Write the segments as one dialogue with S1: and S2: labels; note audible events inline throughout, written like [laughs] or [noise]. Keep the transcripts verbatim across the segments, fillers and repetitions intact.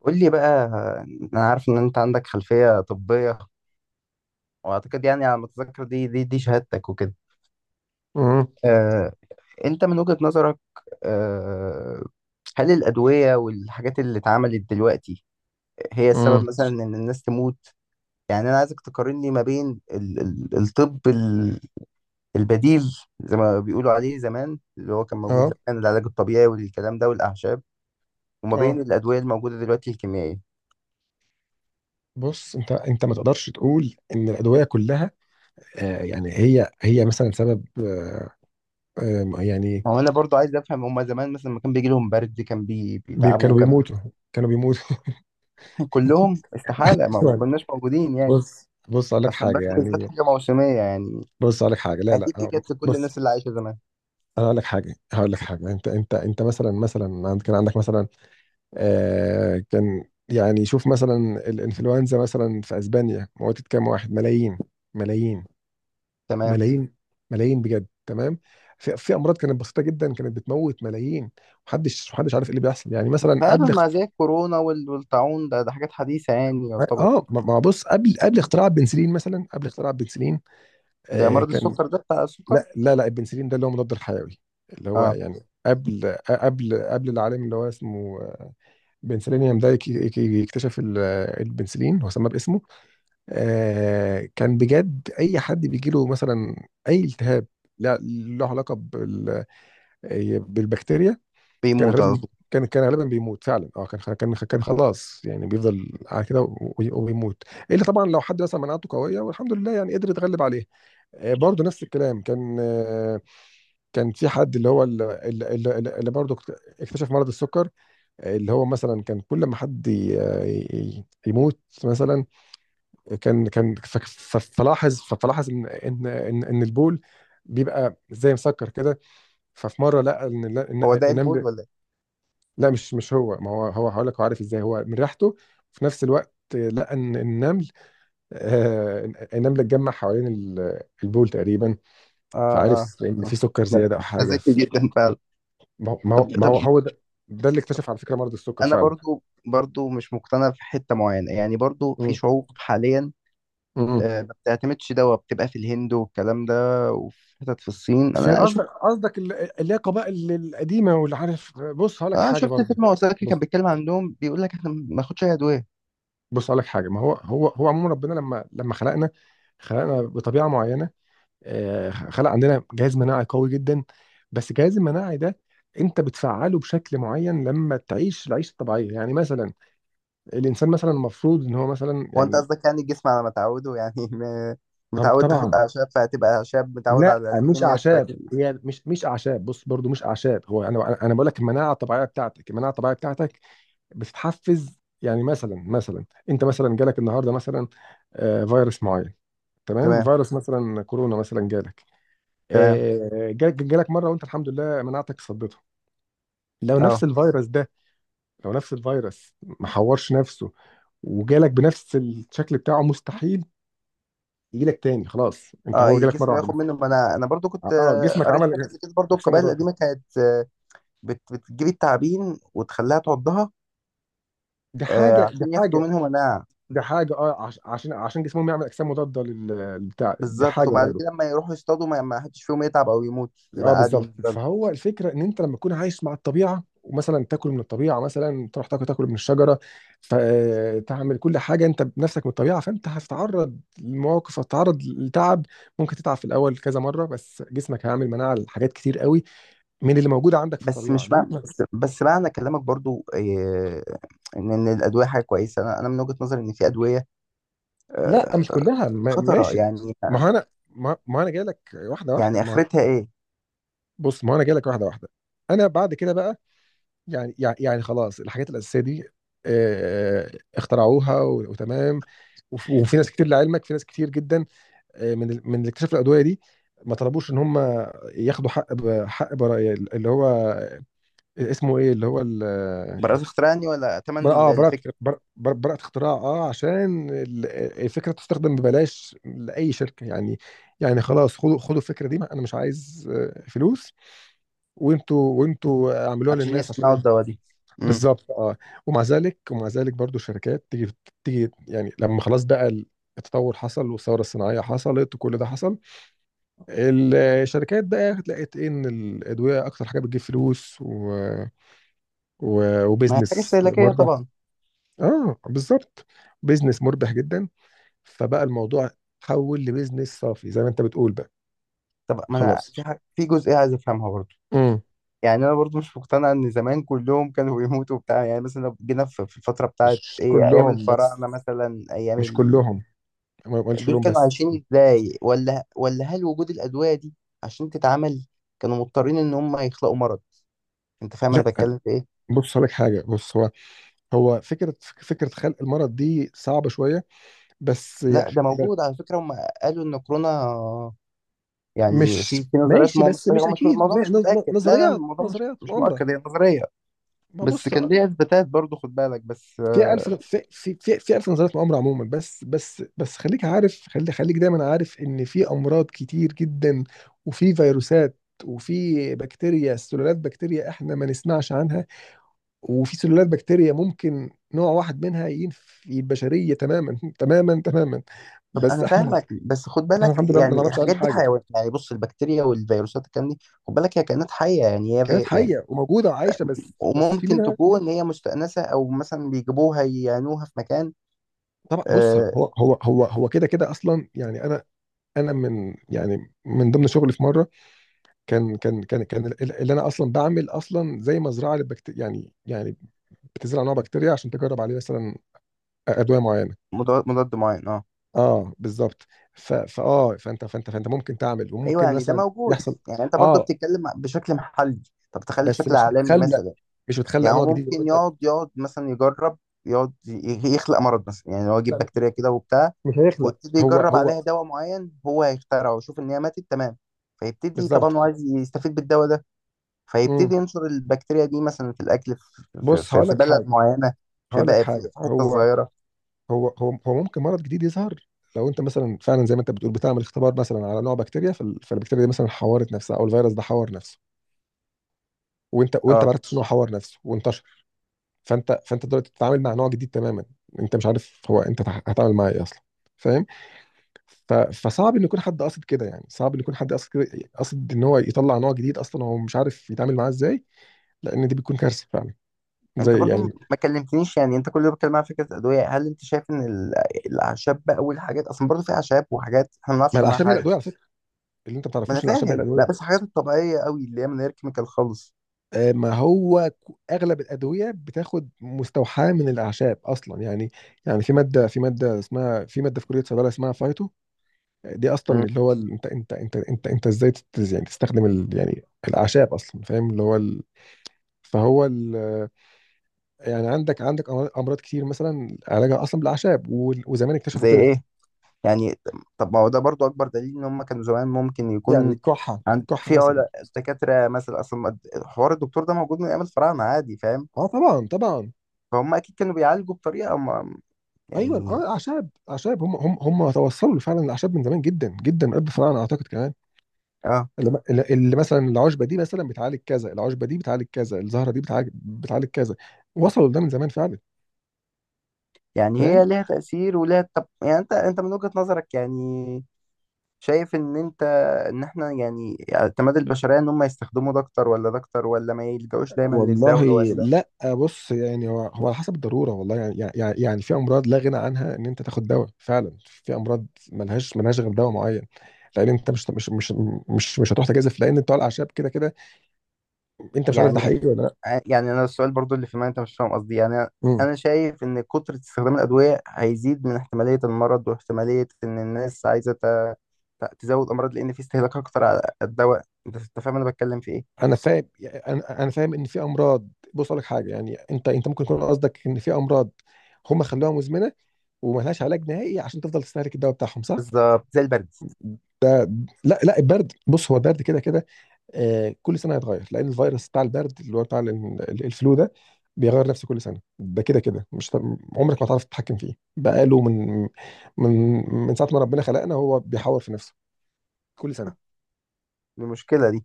S1: قول لي بقى. انا عارف ان انت عندك خلفية طبية، واعتقد يعني على ما اتذكر دي دي دي شهادتك وكده.
S2: امم.
S1: آه، انت من وجهة نظرك، آه، هل الأدوية والحاجات اللي اتعملت دلوقتي هي السبب
S2: امم.
S1: مثلا ان الناس تموت؟ يعني انا عايزك تقارن لي ما بين ال- ال- الطب ال- البديل، زي ما بيقولوا عليه زمان، اللي هو كان موجود
S2: اه.
S1: زمان، العلاج الطبيعي والكلام ده والأعشاب، وما
S2: اه.
S1: بين الأدوية الموجودة دلوقتي الكيميائية.
S2: بص، انت انت ما تقدرش تقول ان الادويه كلها، آه يعني هي هي مثلا سبب آه آه، يعني
S1: ما هو انا برضو عايز افهم، هما زمان مثلا لما كان بيجي لهم برد كان بي...
S2: بي
S1: بيتعبوا،
S2: كانوا
S1: كان
S2: بيموتوا. كانوا بيموتوا.
S1: [laughs] كلهم؟ استحالة،
S2: [laughs]
S1: ما ما
S2: يعني.
S1: كناش موجودين يعني.
S2: بص بص اقول لك
S1: اصلا
S2: حاجه.
S1: البرد بالذات
S2: يعني
S1: حاجة موسمية يعني،
S2: بص اقول لك حاجه. لا لا
S1: اكيد دي
S2: آه،
S1: جت لكل
S2: بص،
S1: الناس اللي عايشة زمان.
S2: انا اقول لك حاجه. هقول لك حاجه. انت انت انت مثلا، مثلا عند- كان عندك مثلا آه كان. يعني شوف مثلا الانفلونزا مثلا في اسبانيا موتت كام واحد، ملايين. ملايين.
S1: تمام.
S2: ملايين. ملايين بجد، تمام. في, في امراض كانت بسيطه جدا، كانت بتموت ملايين. محدش محدش عارف ايه اللي بيحصل. يعني مثلا
S1: فعلا،
S2: قبل
S1: مع
S2: اخت-
S1: زي الكورونا وال- والطاعون، ده ده حاجات حديثة يعني يعتبر.
S2: اه ما ما بص، قبل قبل اختراع البنسلين، مثلا قبل اختراع البنسلين
S1: ده
S2: آه
S1: مرض
S2: كان.
S1: السكر، ده بتاع السكر.
S2: لا، لا، لا، البنسلين ده اللي هو مضاد الحيوي، اللي هو
S1: اه
S2: يعني قبل قبل قبل العالم اللي هو اسمه بنسلينيوم ده يك- يك- يكتشف ال- البنسلين، هو سماه باسمه. آه كان بجد اي حد بيجيله مثلا اي التهاب لا له علاقه بال- بالبكتيريا، كان
S1: بيموت على
S2: غالبا
S1: طول.
S2: كان كان غالبا بيموت فعلا. اه، كان كان كان خلاص، يعني بيفضل على كده و- وبيموت. الا طبعا لو حد مثلا مناعته قويه والحمد لله يعني قدر يتغلب عليه. آه، برضه نفس الكلام. كان آه، كان في حد، اللي هو ال- ال- ال- ال- اللي برضه اكتشف مرض السكر. آه، اللي هو مثلا كان كل ما حد ي- ي- يموت مثلا، كان كان ف- ف- فلاحظ فلاحظ ان ان ان إن البول بيبقى زي مسكر كده. ففي مره لقى ان إن-
S1: هو
S2: إن-
S1: ده البول
S2: النمل.
S1: ولا ايه؟
S2: لا، مش مش هو. ما هو، هو هقول لك، هو عارف ازاي؟ هو من ريحته. وفي نفس الوقت لقى ان النمل، آه النمل اتجمع حوالين ال- البول تقريبا،
S1: اه، اه.
S2: فعارف ان في سكر
S1: لا،
S2: زياده او
S1: ده
S2: حاجه.
S1: ذكي جدا فعلا.
S2: ما هو ما هو
S1: طب،
S2: ما
S1: طب،
S2: هو هو ده, ده اللي
S1: طب،
S2: اكتشف على فكره مرض السكر
S1: انا
S2: فعلا.
S1: برضو برضو مش مقتنع في حتة معينة يعني. برضو في
S2: مم.
S1: شعوب حاليا،
S2: مم.
S1: آه، ما بتعتمدش دوا، بتبقى في الهند والكلام ده، وفي حتت في الصين
S2: في،
S1: انا
S2: قصدك،
S1: شفت.
S2: قصدك ال- اللي هي قبائل القديمه واللي عارف. بص هقول لك
S1: اه،
S2: حاجه
S1: شفت
S2: برضو.
S1: فيلم وثائقي كان
S2: بص
S1: بيتكلم عنهم، بيقول لك احنا ما ناخدش اي ادويه.
S2: بص هقول لك حاجه. ما هو هو هو عموما ربنا لما لما خلقنا، خلقنا بطبيعه معينه. آه، خلق عندنا جهاز مناعي قوي جدا. بس الجهاز المناعي ده انت بتفعله بشكل معين لما تعيش العيشه الطبيعيه. يعني مثلا الانسان مثلا المفروض ان هو مثلا
S1: هو انت
S2: يعني.
S1: قصدك يعني الجسم على ما تعوده؟ يعني [laughs] م-
S2: طب
S1: متعود تاخد
S2: طبعا.
S1: اعشاب فهتبقى اعشاب، متعود
S2: لا،
S1: على
S2: مش
S1: الكيمياء تبقى
S2: اعشاب،
S1: كيمياء.
S2: هي مش مش اعشاب. بص برضو مش اعشاب، هو انا انا بقول لك المناعه الطبيعيه بتاعتك، المناعه الطبيعيه بتاعتك بتتحفز. يعني مثلا مثلا انت مثلا جالك النهارده مثلا آه، فيروس معين. تمام،
S1: تمام،
S2: فيروس مثلا كورونا مثلا جالك.
S1: تمام.
S2: آه، جالك جالك مره وانت الحمد لله مناعتك صدته. لو نفس
S1: اه،
S2: الفيروس ده، لو نفس الفيروس ما حورش نفسه وجالك بنفس الشكل بتاعه، مستحيل يجيلك تاني. خلاص، انت
S1: اه،
S2: هو
S1: إيه،
S2: جالك مره
S1: الجسم
S2: واحده
S1: ياخد منه.
S2: بس.
S1: ما انا انا برضو
S2: اه،
S1: كنت،
S2: آه،
S1: آه،
S2: جسمك
S1: قريت
S2: عمل
S1: حاجه
S2: إيه؟
S1: زي كده. برضو
S2: اجسام
S1: القبائل
S2: مضاده.
S1: القديمه كانت، آه، بت- بتجيب التعابين وتخليها تعضها،
S2: دي
S1: آه،
S2: حاجه، دي
S1: عشان ياخدوا
S2: حاجه.
S1: منهم مناعه.
S2: دي حاجه اه عش- عشان عشان جسمهم يعمل اجسام مضاده لل- للبتاع. دي
S1: بالظبط،
S2: حاجه.
S1: وبعد كده لما يروحوا يصطادوا ما ما حدش فيهم يتعب او يموت،
S2: اه
S1: يبقى عادي
S2: بالظبط.
S1: بالنسبه لهم.
S2: فهو الفكره ان انت لما تكون عايش مع الطبيعه، ومثلا تاكل من الطبيعه، مثلا تروح تاكل تاكل من الشجره، فتعمل كل حاجه انت بنفسك من الطبيعه، فانت هتتعرض لمواقف، هتتعرض لتعب. ممكن تتعب في الاول كذا مره، بس جسمك هيعمل مناعه لحاجات كتير قوي من اللي موجوده عندك في
S1: بس
S2: الطبيعه.
S1: مش
S2: انما
S1: معنى
S2: احنا.
S1: بس, بس معنى كلامك برضو إيه؟ ان ان الادويه حاجه كويسه، انا انا من وجهه نظري ان في ادويه،
S2: لا،
S1: آه،
S2: مش كلها. ما-
S1: خطره
S2: ماشي.
S1: يعني.
S2: ما هو انا ما ما انا جاي لك واحده واحده.
S1: يعني
S2: ما
S1: اخرتها ايه؟
S2: بص، ما هو انا جاي لك واحده واحده. انا بعد كده بقى يعني يعني يعني خلاص الحاجات الأساسية دي آه، اخترعوها و- وتمام. وف- وفي ناس كتير، لعلمك، في ناس كتير جدا آه، من ال- من اللي اكتشفوا الأدوية دي ما طلبوش ان هم ياخدوا حق ب- حق براءة. اللي هو اسمه ايه، اللي هو ال-
S1: براءة اختراع يعني، ولا ثمن
S2: بر-
S1: ال-
S2: اه براءة،
S1: الفكر،
S2: براءة بر- بر- براءة اختراع، اه عشان ال- الفكرة تستخدم ببلاش لأي شركة. يعني يعني خلاص، خدوا خدوا الفكرة دي، انا مش عايز آه، فلوس، وانتوا وانتوا اعملوها
S1: عشان
S2: للناس
S1: يصنعوا
S2: عشان.
S1: الدواء دي. امم
S2: بالظبط، اه. ومع ذلك ومع ذلك برضو الشركات تيجي، تيجي يعني لما خلاص بقى التطور حصل والثوره الصناعيه حصلت وكل ده حصل، الشركات بقى لقيت إيه، ان الادويه اكتر حاجه بتجيب فلوس، و... و...
S1: ما هي حاجه
S2: وبزنس
S1: استهلاكيه
S2: مربح.
S1: طبعا.
S2: اه بالظبط. بزنس مربح جدا. فبقى الموضوع تحول لبزنس صافي زي ما انت بتقول بقى.
S1: طب ما انا
S2: خلاص.
S1: في حاجة، في جزئيه عايز افهمها برضو.
S2: امم.
S1: يعني انا برضو مش مقتنع ان زمان كلهم كانوا بيموتوا وبتاع، يعني مثلا لو جينا في في الفتره بتاعت
S2: مش
S1: ايه، ايام
S2: كلهم بس،
S1: الفراعنه مثلا، ايام
S2: مش كلهم، ما ما قالش
S1: دول
S2: كلهم
S1: كانوا
S2: بس.
S1: عايشين ازاي؟ ولا ولا هل وجود الادويه دي عشان تتعمل كانوا مضطرين ان هم يخلقوا مرض؟ انت فاهم انا
S2: لا،
S1: بتكلم في ايه؟
S2: بص هقول لك حاجه. بص، هو، هو فكرة فكرة خلق المرض دي صعبة شوية بس يا
S1: لا،
S2: أخي.
S1: ده موجود على فكره، هم قالوا ان كورونا، يعني
S2: مش
S1: في في نظريات،
S2: ماشي
S1: ما
S2: بس مش
S1: هو مش،
S2: أكيد،
S1: الموضوع مش
S2: ن- ن-
S1: متاكد، لا لا،
S2: نظريات
S1: الموضوع مش
S2: نظريات
S1: مش
S2: مؤامرة.
S1: مؤكد، هي نظريه
S2: ما
S1: بس
S2: بص،
S1: كان ليها اثباتات برضو، خد بالك بس،
S2: في ألف
S1: آه.
S2: في في في, في ألف نظريات مؤامرة عموما. بس بس بس خليك عارف، خلي خليك دايما عارف إن في أمراض كتير جدا، وفي فيروسات، وفي بكتيريا، سلالات بكتيريا احنا ما نسمعش عنها. وفي سلالات بكتيريا ممكن نوع واحد منها ينفي البشرية تماما [laughs] تماما تماما.
S1: طب
S2: بس
S1: انا
S2: احنا،
S1: فاهمك، بس خد
S2: احنا
S1: بالك
S2: الحمد لله ما
S1: يعني
S2: نعرفش عنها
S1: الحاجات دي
S2: حاجه.
S1: حيوانات يعني، بص البكتيريا والفيروسات الكلام دي، خد بالك هي كائنات حيه يعني، هي
S2: كانت
S1: بي- يعني،
S2: حيه وموجوده وعايشه، بس بس في
S1: وممكن
S2: منها.
S1: تكون هي مستأنسة أو مثلا بيجيبوها يعينوها في مكان،
S2: طبعا. بص،
S1: آه.
S2: هو هو هو هو كده كده اصلا. يعني انا انا من يعني من ضمن شغلي في مره، كان كان كان كان ال- اللي انا اصلا بعمل اصلا زي مزرعه للبكتيريا. يعني يعني بتزرع نوع بكتيريا عشان تجرب عليه مثلا ادويه معينه.
S1: مضاد، مضاد معين، اه.
S2: اه بالظبط. ف فاه فانت فانت فانت ممكن تعمل
S1: أيوه،
S2: وممكن
S1: يعني ده
S2: مثلا
S1: موجود،
S2: يحصل.
S1: يعني أنت برضو
S2: اه،
S1: بتتكلم بشكل محلي، طب تخيل
S2: بس
S1: بشكل
S2: مش
S1: عالمي
S2: بتخلق،
S1: مثلا.
S2: مش بتخلق
S1: يعني هو
S2: نوع جديد
S1: ممكن
S2: وانت.
S1: يقعد يقعد مثلا يجرب، يقعد ي- يخلق مرض مثلا، يعني هو يجيب
S2: لا،
S1: بكتيريا كده وبتاع،
S2: مش هيخلق
S1: ويبتدي
S2: هو
S1: يجرب
S2: هو
S1: عليها دواء معين هو هيخترعه، ويشوف ان هي ماتت، تمام. فيبتدي
S2: بالظبط.
S1: طبعا هو عايز يستفيد بالدواء ده،
S2: مم.
S1: فيبتدي ينشر البكتيريا دي مثلا في الاكل، في, في,
S2: بص
S1: في
S2: هقول
S1: في
S2: لك
S1: بلد
S2: حاجه.
S1: معينه، في
S2: هقول لك
S1: بقى، في
S2: حاجه.
S1: في حته
S2: هو
S1: صغيره.
S2: هو هو هو ممكن مرض جديد يظهر لو انت مثلا فعلا زي ما انت بتقول بتعمل اختبار مثلا على نوع بكتيريا، فال- فالبكتيريا دي مثلا حورت نفسها، او الفيروس ده حور نفسه وانت وانت
S1: اه.
S2: ما عرفتش انه حور نفسه وانتشر. فانت فانت دلوقتي بتتعامل مع نوع جديد تماما، انت مش عارف هو انت تع- هتعامل معاه ايه اصلا. فاهم؟ ف- فصعب ان يكون حد قاصد كده. يعني صعب ان يكون حد قاصد كده، قاصد ان هو يطلع نوع جديد اصلا هو مش عارف يتعامل معاه ازاي، لان دي بتكون كارثه فعلا.
S1: انت
S2: زي
S1: برضو م-
S2: يعني.
S1: ما كلمتنيش يعني، انت كل يوم بتتكلم عن فكره ادويه، هل انت شايف ان ال- الاعشاب بقى والحاجات، اصلا برضو في اعشاب وحاجات احنا ما
S2: ما
S1: نعرفش عنها
S2: الاعشاب هي الادويه
S1: حاجه.
S2: على فكره، اللي انت ما
S1: ما انا
S2: تعرفوش ان الاعشاب هي
S1: فاهم، لا
S2: الادويه.
S1: بس الحاجات الطبيعيه قوي اللي هي من غير كيميكال خالص.
S2: آه، ما هو ك- اغلب الادويه بتاخد مستوحاه من الاعشاب اصلا. يعني يعني في ماده، في ماده اسمها في ماده في كليه صيدله اسمها فايتو. دي اصلا
S1: مم.
S2: اللي هو ال- انت انت انت انت انت ازاي تت- يعني تستخدم ال يعني الاعشاب اصلا. فاهم؟ اللي هو ال. فهو ال. يعني عندك عندك امراض، أمراض كتير مثلا علاجها اصلا بالاعشاب وال- وزمان اكتشفوا
S1: زي
S2: كده.
S1: ايه يعني؟ طب ما هو ده برضو اكبر دليل ان هم كانوا زمان، ممكن
S2: يعني
S1: يكون
S2: الكحه،
S1: عند
S2: الكحه
S1: في
S2: مثلا.
S1: علا- دكاتره مثلا، اصلا الد- حوار الدكتور ده موجود من ايام الفراعنه عادي، فاهم؟
S2: اه، طبعا طبعا.
S1: فهم اكيد كانوا بيعالجوا بطريقه ما
S2: ايوه،
S1: يعني.
S2: اه، اعشاب، اعشاب، هم هم هم توصلوا فعلا الاعشاب من زمان جدا جدا، قبل الفراعنه اعتقد كمان.
S1: اه،
S2: اللي اللي مثلا العشبه دي مثلا بتعالج كذا، العشبه دي بتعالج كذا، الزهره دي بتعالج بتعالج كذا. وصلوا لده من زمان فعلا.
S1: يعني هي
S2: فاهم؟
S1: ليها تأثير وليها طب. يعني انت، انت من وجهة نظرك يعني، شايف ان انت، ان احنا يعني اعتماد البشرية ان هم يستخدموا ده اكتر ولا ده اكتر، ولا ما يلجأوش دايما
S2: والله
S1: للدواء، ولا؟
S2: لا. بص يعني هو هو على حسب الضروره. والله يعني يعني يعني يعني في امراض لا غنى عنها ان انت تاخد دواء فعلا، في امراض ملهاش ملهاش غير دواء معين. لان انت مش مش مش مش, مش هتروح تجازف، لان بتوع الاعشاب كده كده انت مش عارف ده
S1: يعني،
S2: حقيقي ولا لا.
S1: يعني انا السؤال برضو اللي في، ما انت مش فاهم قصدي يعني.
S2: إمم.
S1: انا شايف ان كترة استخدام الادوية هيزيد من احتمالية المرض، واحتمالية ان الناس عايزة ت- ت- تزود امراض، لان في استهلاك اكتر على الدواء. انت أنت فاهم انا بتكلم في ايه؟
S2: انا فاهم. انا انا فاهم ان في امراض. بص اقول لك حاجه، يعني انت انت ممكن يكون قصدك ان في امراض هم خلوها مزمنه وما لهاش علاج نهائي عشان تفضل تستهلك الدواء بتاعهم، صح؟
S1: بالظبط زي البرد.
S2: ده لا، لا. البرد بص، هو البرد كده كده، آه كل سنه هيتغير، لان الفيروس بتاع البرد اللي هو بتاع ال- ال- الفلو ده بيغير نفسه كل سنه. ده كده كده مش هت- عمرك ما هتعرف تتحكم فيه، بقاله من من من ساعه ما ربنا خلقنا هو بيحور في نفسه كل سنه.
S1: المشكلة دي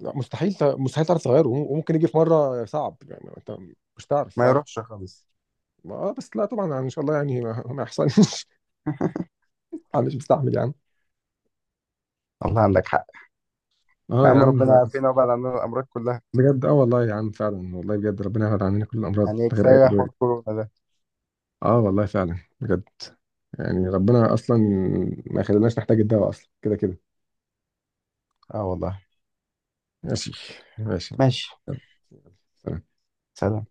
S2: لا مستحيل ت- مستحيل تعرف تغيره، وم- وممكن يجي في مره صعب. يعني انت مش تعرف
S1: ما
S2: فعلا.
S1: يروحش خالص.
S2: ما- اه بس لا طبعا، يعني ان شاء الله يعني ما ما يحصلش [laughs] انا مش مستحمل يا عم.
S1: والله عندك حق.
S2: اه
S1: يا
S2: يا
S1: عم
S2: عم،
S1: ربنا يعافينا وبعد عن الامراض كلها.
S2: بجد اه والله يا عم فعلا. والله بجد ربنا يبعد عننا كل الامراض
S1: يعني
S2: من غير اي
S1: كفاية حوار
S2: ادويه.
S1: كورونا ده.
S2: اه والله فعلا بجد. يعني ربنا اصلا ما يخليناش نحتاج الدواء اصلا كده كده.
S1: اه والله.
S2: ماشي. ماشي.
S1: ماشي.
S2: يلا، سلام.
S1: سلام.